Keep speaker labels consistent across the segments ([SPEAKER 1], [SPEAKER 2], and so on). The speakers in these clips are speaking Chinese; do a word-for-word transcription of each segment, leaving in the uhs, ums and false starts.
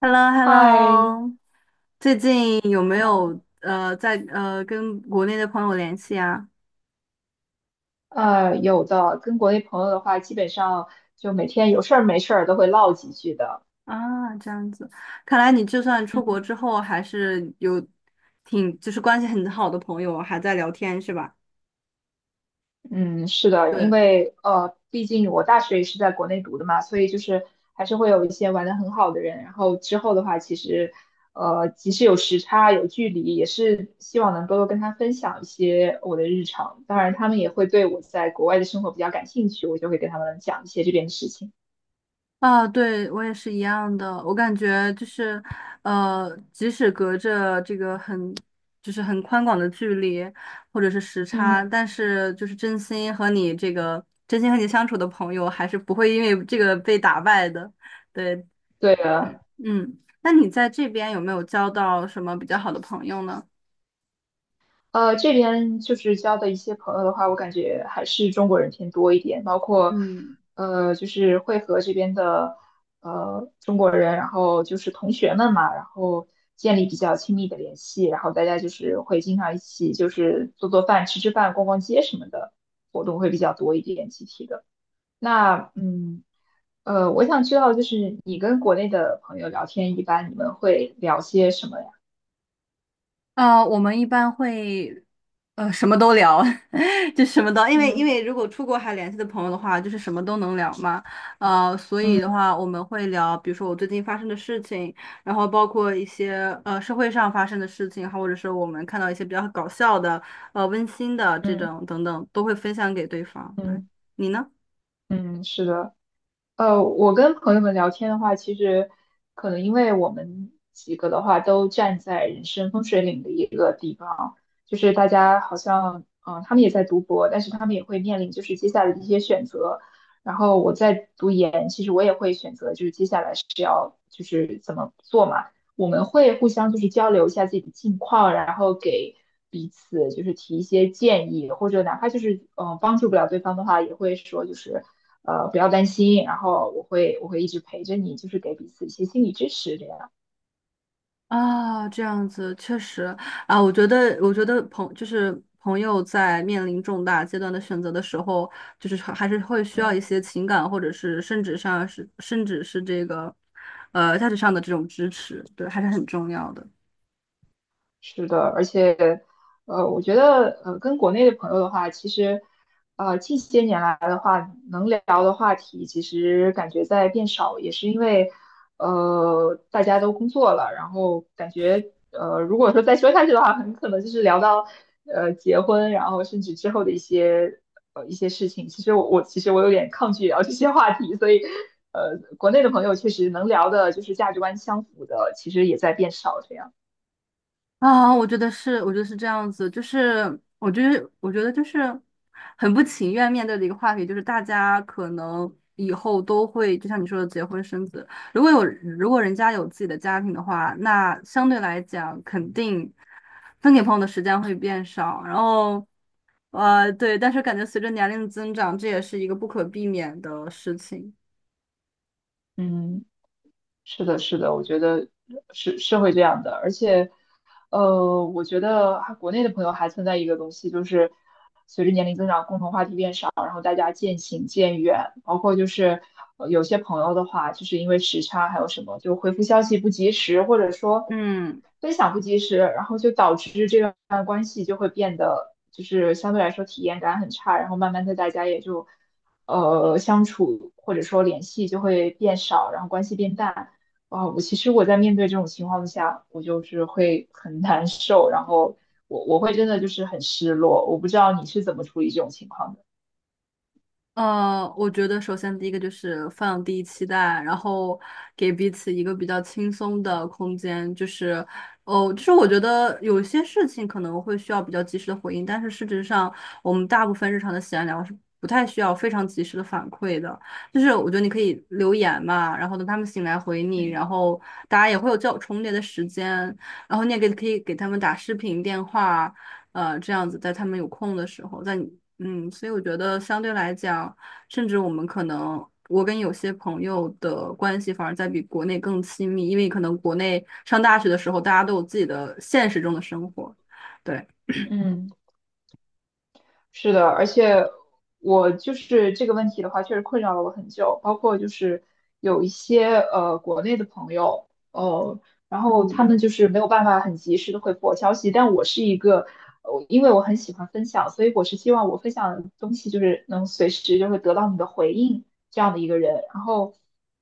[SPEAKER 1] h e l l o h e l l
[SPEAKER 2] 嗨，
[SPEAKER 1] o 最近有没有呃在呃跟国内的朋友联系啊？
[SPEAKER 2] 呃，有的，跟国内朋友的话，基本上就每天有事儿没事儿都会唠几句的。
[SPEAKER 1] 啊，这样子，看来你就算出国之后，还是有挺就是关系很好的朋友，还在聊天是吧？
[SPEAKER 2] 嗯，是的，因
[SPEAKER 1] 对。
[SPEAKER 2] 为呃，毕竟我大学也是在国内读的嘛，所以就是还是会有一些玩的很好的人。然后之后的话，其实呃，即使有时差有距离，也是希望能够多跟他分享一些我的日常。当然，他们也会对我在国外的生活比较感兴趣，我就会给他们讲一些这边的事情。
[SPEAKER 1] 啊，对，我也是一样的。我感觉就是，呃，即使隔着这个很，就是很宽广的距离，或者是时
[SPEAKER 2] 嗯，
[SPEAKER 1] 差，但是就是真心和你这个真心和你相处的朋友，还是不会因为这个被打败的。对，
[SPEAKER 2] 对的，
[SPEAKER 1] 嗯，那你在这边有没有交到什么比较好的朋友呢？
[SPEAKER 2] 呃，这边就是交的一些朋友的话，我感觉还是中国人偏多一点，包括
[SPEAKER 1] 嗯。
[SPEAKER 2] 呃，就是会和这边的呃中国人，然后就是同学们嘛，然后建立比较亲密的联系，然后大家就是会经常一起就是做做饭、吃吃饭、逛逛街什么的活动会比较多一点，集体的。那嗯，呃，我想知道就是你跟国内的朋友聊天，一般你们会聊些什么呀？
[SPEAKER 1] 呃，我们一般会，呃，什么都聊，就什么都，因为因
[SPEAKER 2] 嗯。
[SPEAKER 1] 为如果出国还联系的朋友的话，就是什么都能聊嘛，呃，所以的
[SPEAKER 2] 嗯
[SPEAKER 1] 话我们会聊，比如说我最近发生的事情，然后包括一些呃社会上发生的事情，或者是我们看到一些比较搞笑的、呃温馨的这
[SPEAKER 2] 嗯
[SPEAKER 1] 种等等，都会分享给对方。对，
[SPEAKER 2] 嗯
[SPEAKER 1] 你呢？
[SPEAKER 2] 嗯，是的。呃，我跟朋友们聊天的话，其实可能因为我们几个的话都站在人生风水岭的一个地方，就是大家好像，嗯、他们也在读博，但是他们也会面临就是接下来的一些选择。然后我在读研，其实我也会选择就是接下来是要就是怎么做嘛。我们会互相就是交流一下自己的近况，然后给彼此就是提一些建议，或者哪怕就是嗯、呃帮助不了对方的话，也会说就是。呃，不要担心，然后我会我会一直陪着你，就是给彼此一些心理支持这样。
[SPEAKER 1] 啊，这样子确实啊，我觉得，我觉得朋就是朋友在面临重大阶段的选择的时候，就是还还是会需要一
[SPEAKER 2] 嗯，
[SPEAKER 1] 些情感，或者是甚至上是甚至是这个，呃，价值上的这种支持，对，还是很重要的。
[SPEAKER 2] 是的，而且，呃，我觉得，呃，跟国内的朋友的话，其实，呃，近些年来的话，能聊的话题其实感觉在变少，也是因为，呃，大家都工作了，然后感觉，呃，如果说再说下去的话，很可能就是聊到，呃，结婚，然后甚至之后的一些，呃，一些事情。其实我我其实我有点抗拒聊这些话题，所以，呃，国内的朋友确实能聊的，就是价值观相符的，其实也在变少，这样，
[SPEAKER 1] 啊，我觉得是，我觉得是这样子，就是我觉得，我觉得就是很不情愿面对的一个话题，就是大家可能以后都会，就像你说的，结婚生子。如果有，如果人家有自己的家庭的话，那相对来讲，肯定分给朋友的时间会变少。然后，呃，对，但是感觉随着年龄的增长，这也是一个不可避免的事情。
[SPEAKER 2] 嗯。是的，是的，我觉得是是会这样的，而且，呃，我觉得还国内的朋友还存在一个东西，就是随着年龄增长，共同话题变少，然后大家渐行渐远，包括就是呃有些朋友的话，就是因为时差还有什么，就回复消息不及时，或者说
[SPEAKER 1] 嗯。
[SPEAKER 2] 分享不及时，然后就导致这段关系就会变得就是相对来说体验感很差，然后慢慢的大家也就呃相处或者说联系就会变少，然后关系变淡。啊，我其实我在面对这种情况下，我就是会很难受，然后我我会真的就是很失落。我不知道你是怎么处理这种情况的。
[SPEAKER 1] 呃，我觉得首先第一个就是放低期待，然后给彼此一个比较轻松的空间，就是，哦，就是我觉得有些事情可能会需要比较及时的回应，但是事实上我们大部分日常的闲聊是不太需要非常及时的反馈的，就是我觉得你可以留言嘛，然后等他们醒来回你，
[SPEAKER 2] 嗯
[SPEAKER 1] 然后大家也会有较重叠的时间，然后你也给可以给他们打视频电话。呃，这样子在他们有空的时候，在你嗯，所以我觉得相对来讲，甚至我们可能我跟有些朋友的关系反而在比国内更亲密，因为可能国内上大学的时候，大家都有自己的现实中的生活，对。
[SPEAKER 2] 嗯，是的，而且我就是这个问题的话，确实困扰了我很久。包括就是有一些呃国内的朋友，呃，然后他们就是没有办法很及时的回复我消息，但我是一个，我因为我很喜欢分享，所以我是希望我分享的东西就是能随时就是得到你的回应。这样的一个人。然后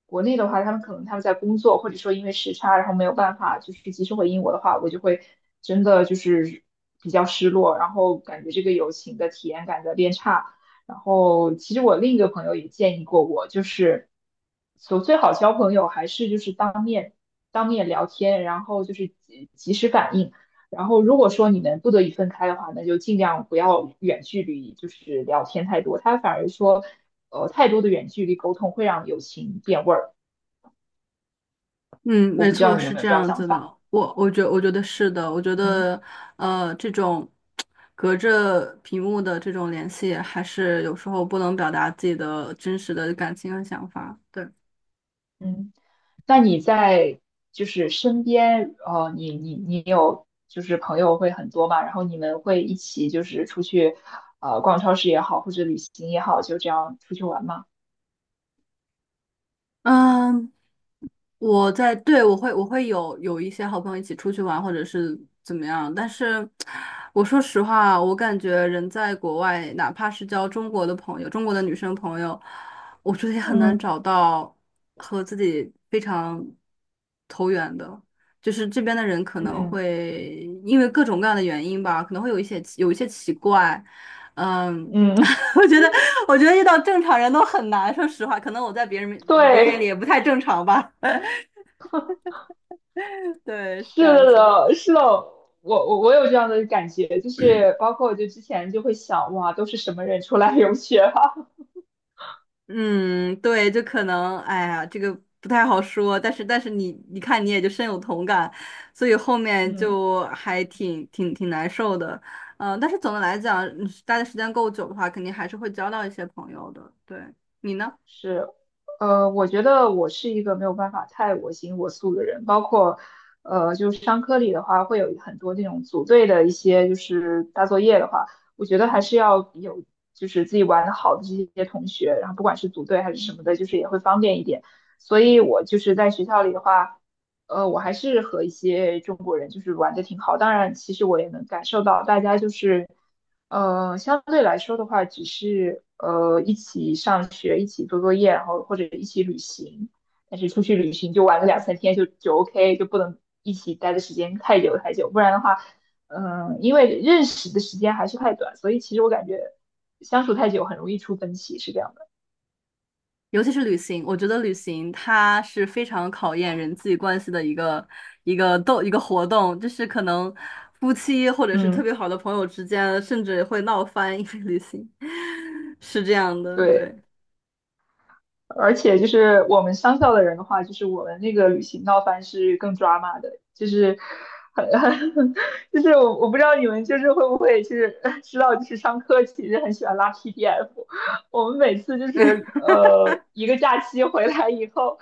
[SPEAKER 2] 国内的话，他们可能他们在工作，或者说因为时差，然后没有办法就是及时回应我的话，我就会真的就是比较失落，然后感觉这个友情的体验感在变差。然后其实我另一个朋友也建议过我，就是所最好交朋友还是就是当面当面聊天，然后就是及及时反应。然后如果说你们不得已分开的话，那就尽量不要远距离，就是聊天太多。他反而说呃，太多的远距离沟通会让友情变味儿。
[SPEAKER 1] 嗯，
[SPEAKER 2] 我
[SPEAKER 1] 没
[SPEAKER 2] 不知道
[SPEAKER 1] 错，
[SPEAKER 2] 你有
[SPEAKER 1] 是
[SPEAKER 2] 没有
[SPEAKER 1] 这
[SPEAKER 2] 这样的
[SPEAKER 1] 样
[SPEAKER 2] 想
[SPEAKER 1] 子的。
[SPEAKER 2] 法？
[SPEAKER 1] 我我觉我觉得是的，我觉
[SPEAKER 2] 嗯
[SPEAKER 1] 得呃，这种隔着屏幕的这种联系，还是有时候不能表达自己的真实的感情和想法。对，
[SPEAKER 2] 嗯，那你在就是身边，呃，你你你有就是朋友会很多嘛？然后你们会一起就是出去，呃，逛超市也好，或者旅行也好，就这样出去玩吗？
[SPEAKER 1] 嗯，我在，对，我会我会有有一些好朋友一起出去玩，或者是怎么样。但是我说实话，我感觉人在国外，哪怕是交中国的朋友，中国的女生朋友，我觉得也很难
[SPEAKER 2] 嗯
[SPEAKER 1] 找到和自己非常投缘的。就是这边的人可能
[SPEAKER 2] 嗯
[SPEAKER 1] 会因为各种各样的原因吧，可能会有一些有一些奇怪，嗯。
[SPEAKER 2] 嗯，
[SPEAKER 1] 我觉得，我觉得遇到正常人都很难。说实话，可能我在别人 面别人眼里
[SPEAKER 2] 对，
[SPEAKER 1] 也不太正常吧。对，是这
[SPEAKER 2] 是
[SPEAKER 1] 样子的。
[SPEAKER 2] 的，是的，我我我有这样的感觉，就是包括我就之前就会想，哇，都是什么人出来留学啊？
[SPEAKER 1] 嗯，对，就可能，哎呀，这个不太好说，但是但是你你看你也就深有同感，所以后面
[SPEAKER 2] 嗯，
[SPEAKER 1] 就还挺挺挺难受的，嗯、但是总的来讲，嗯待的时间够久的话，肯定还是会交到一些朋友的。对，你呢？
[SPEAKER 2] 是，呃，我觉得我是一个没有办法太我行我素的人，包括，呃，就是商科里的话，会有很多这种组队的一些就是大作业的话，我觉得还是要有就是自己玩的好的这些同学，然后不管是组队还是什么的，就是也会方便一点。所以我就是在学校里的话，呃，我还是和一些中国人就是玩的挺好，当然其实我也能感受到大家就是。呃，相对来说的话，只是呃一起上学，一起做作业，然后或者一起旅行。但是出去旅行就玩个两三天就就 OK,就不能一起待的时间太久太久，不然的话，嗯、因为认识的时间还是太短，所以其实我感觉相处太久很容易出分歧，是这样的。
[SPEAKER 1] 尤其是旅行，我觉得旅行它是非常考验人际关系的一个一个斗一个活动，就是可能夫妻或者是特
[SPEAKER 2] 嗯，
[SPEAKER 1] 别好的朋友之间，甚至会闹翻，因为旅行 是这样的，对。
[SPEAKER 2] 对。而且就是我们商校的人的话，就是我们那个旅行闹翻是更抓马的，就是很很 就是我我不知道你们就是会不会就是呃知道，就是上课其实很喜欢拉 P D F,我们每次就是呃一个假期回来以后，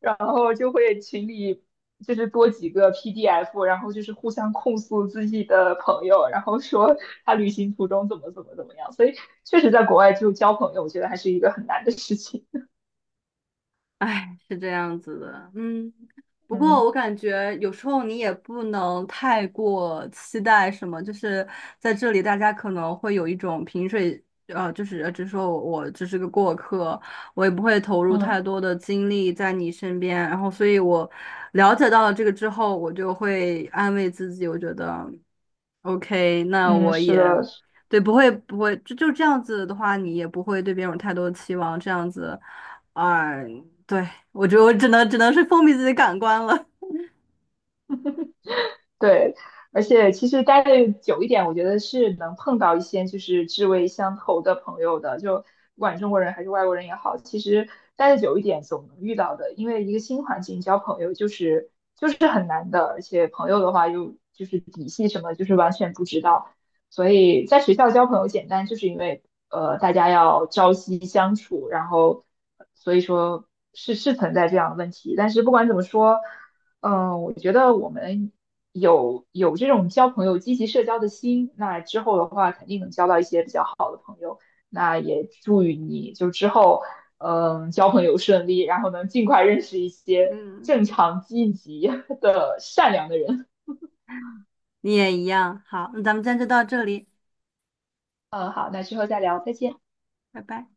[SPEAKER 2] 然后就会群里就是多几个 P D F,然后就是互相控诉自己的朋友，然后说他旅行途中怎么怎么怎么样，所以确实在国外就交朋友，我觉得还是一个很难的事情。
[SPEAKER 1] 哎，是这样子的，嗯，不过
[SPEAKER 2] 嗯
[SPEAKER 1] 我感觉有时候你也不能太过期待什么，就是在这里大家可能会有一种萍水，呃，就是呃只说我我只是个过客，我也不会投入太
[SPEAKER 2] 嗯
[SPEAKER 1] 多的精力在你身边，然后所以我了解到了这个之后，我就会安慰自己，我觉得，OK，那
[SPEAKER 2] 嗯，
[SPEAKER 1] 我
[SPEAKER 2] 是
[SPEAKER 1] 也。
[SPEAKER 2] 的，是，
[SPEAKER 1] 对，不会不会，就就这样子的话，你也不会对别人有太多的期望，这样子。嗯对，我觉得我只能只能是封闭自己感官了。
[SPEAKER 2] 对，而且其实待的久一点，我觉得是能碰到一些就是志味相投的朋友的，就不管中国人还是外国人也好，其实待的久一点总能遇到的，因为一个新环境交朋友就是就是很难的，而且朋友的话又就是底细什么就是完全不知道，所以在学校交朋友简单，就是因为呃大家要朝夕相处，然后所以说是是存在这样的问题，但是不管怎么说。嗯，我觉得我们有有这种交朋友、积极社交的心，那之后的话肯定能交到一些比较好的。那也祝予你就之后，嗯，交朋友顺利，然后能尽快认识一些
[SPEAKER 1] 嗯，
[SPEAKER 2] 正常、积极的、善良的人。
[SPEAKER 1] 你也一样。好，那咱们今天就到这里，
[SPEAKER 2] 嗯，好，那之后再聊，再见。
[SPEAKER 1] 拜拜。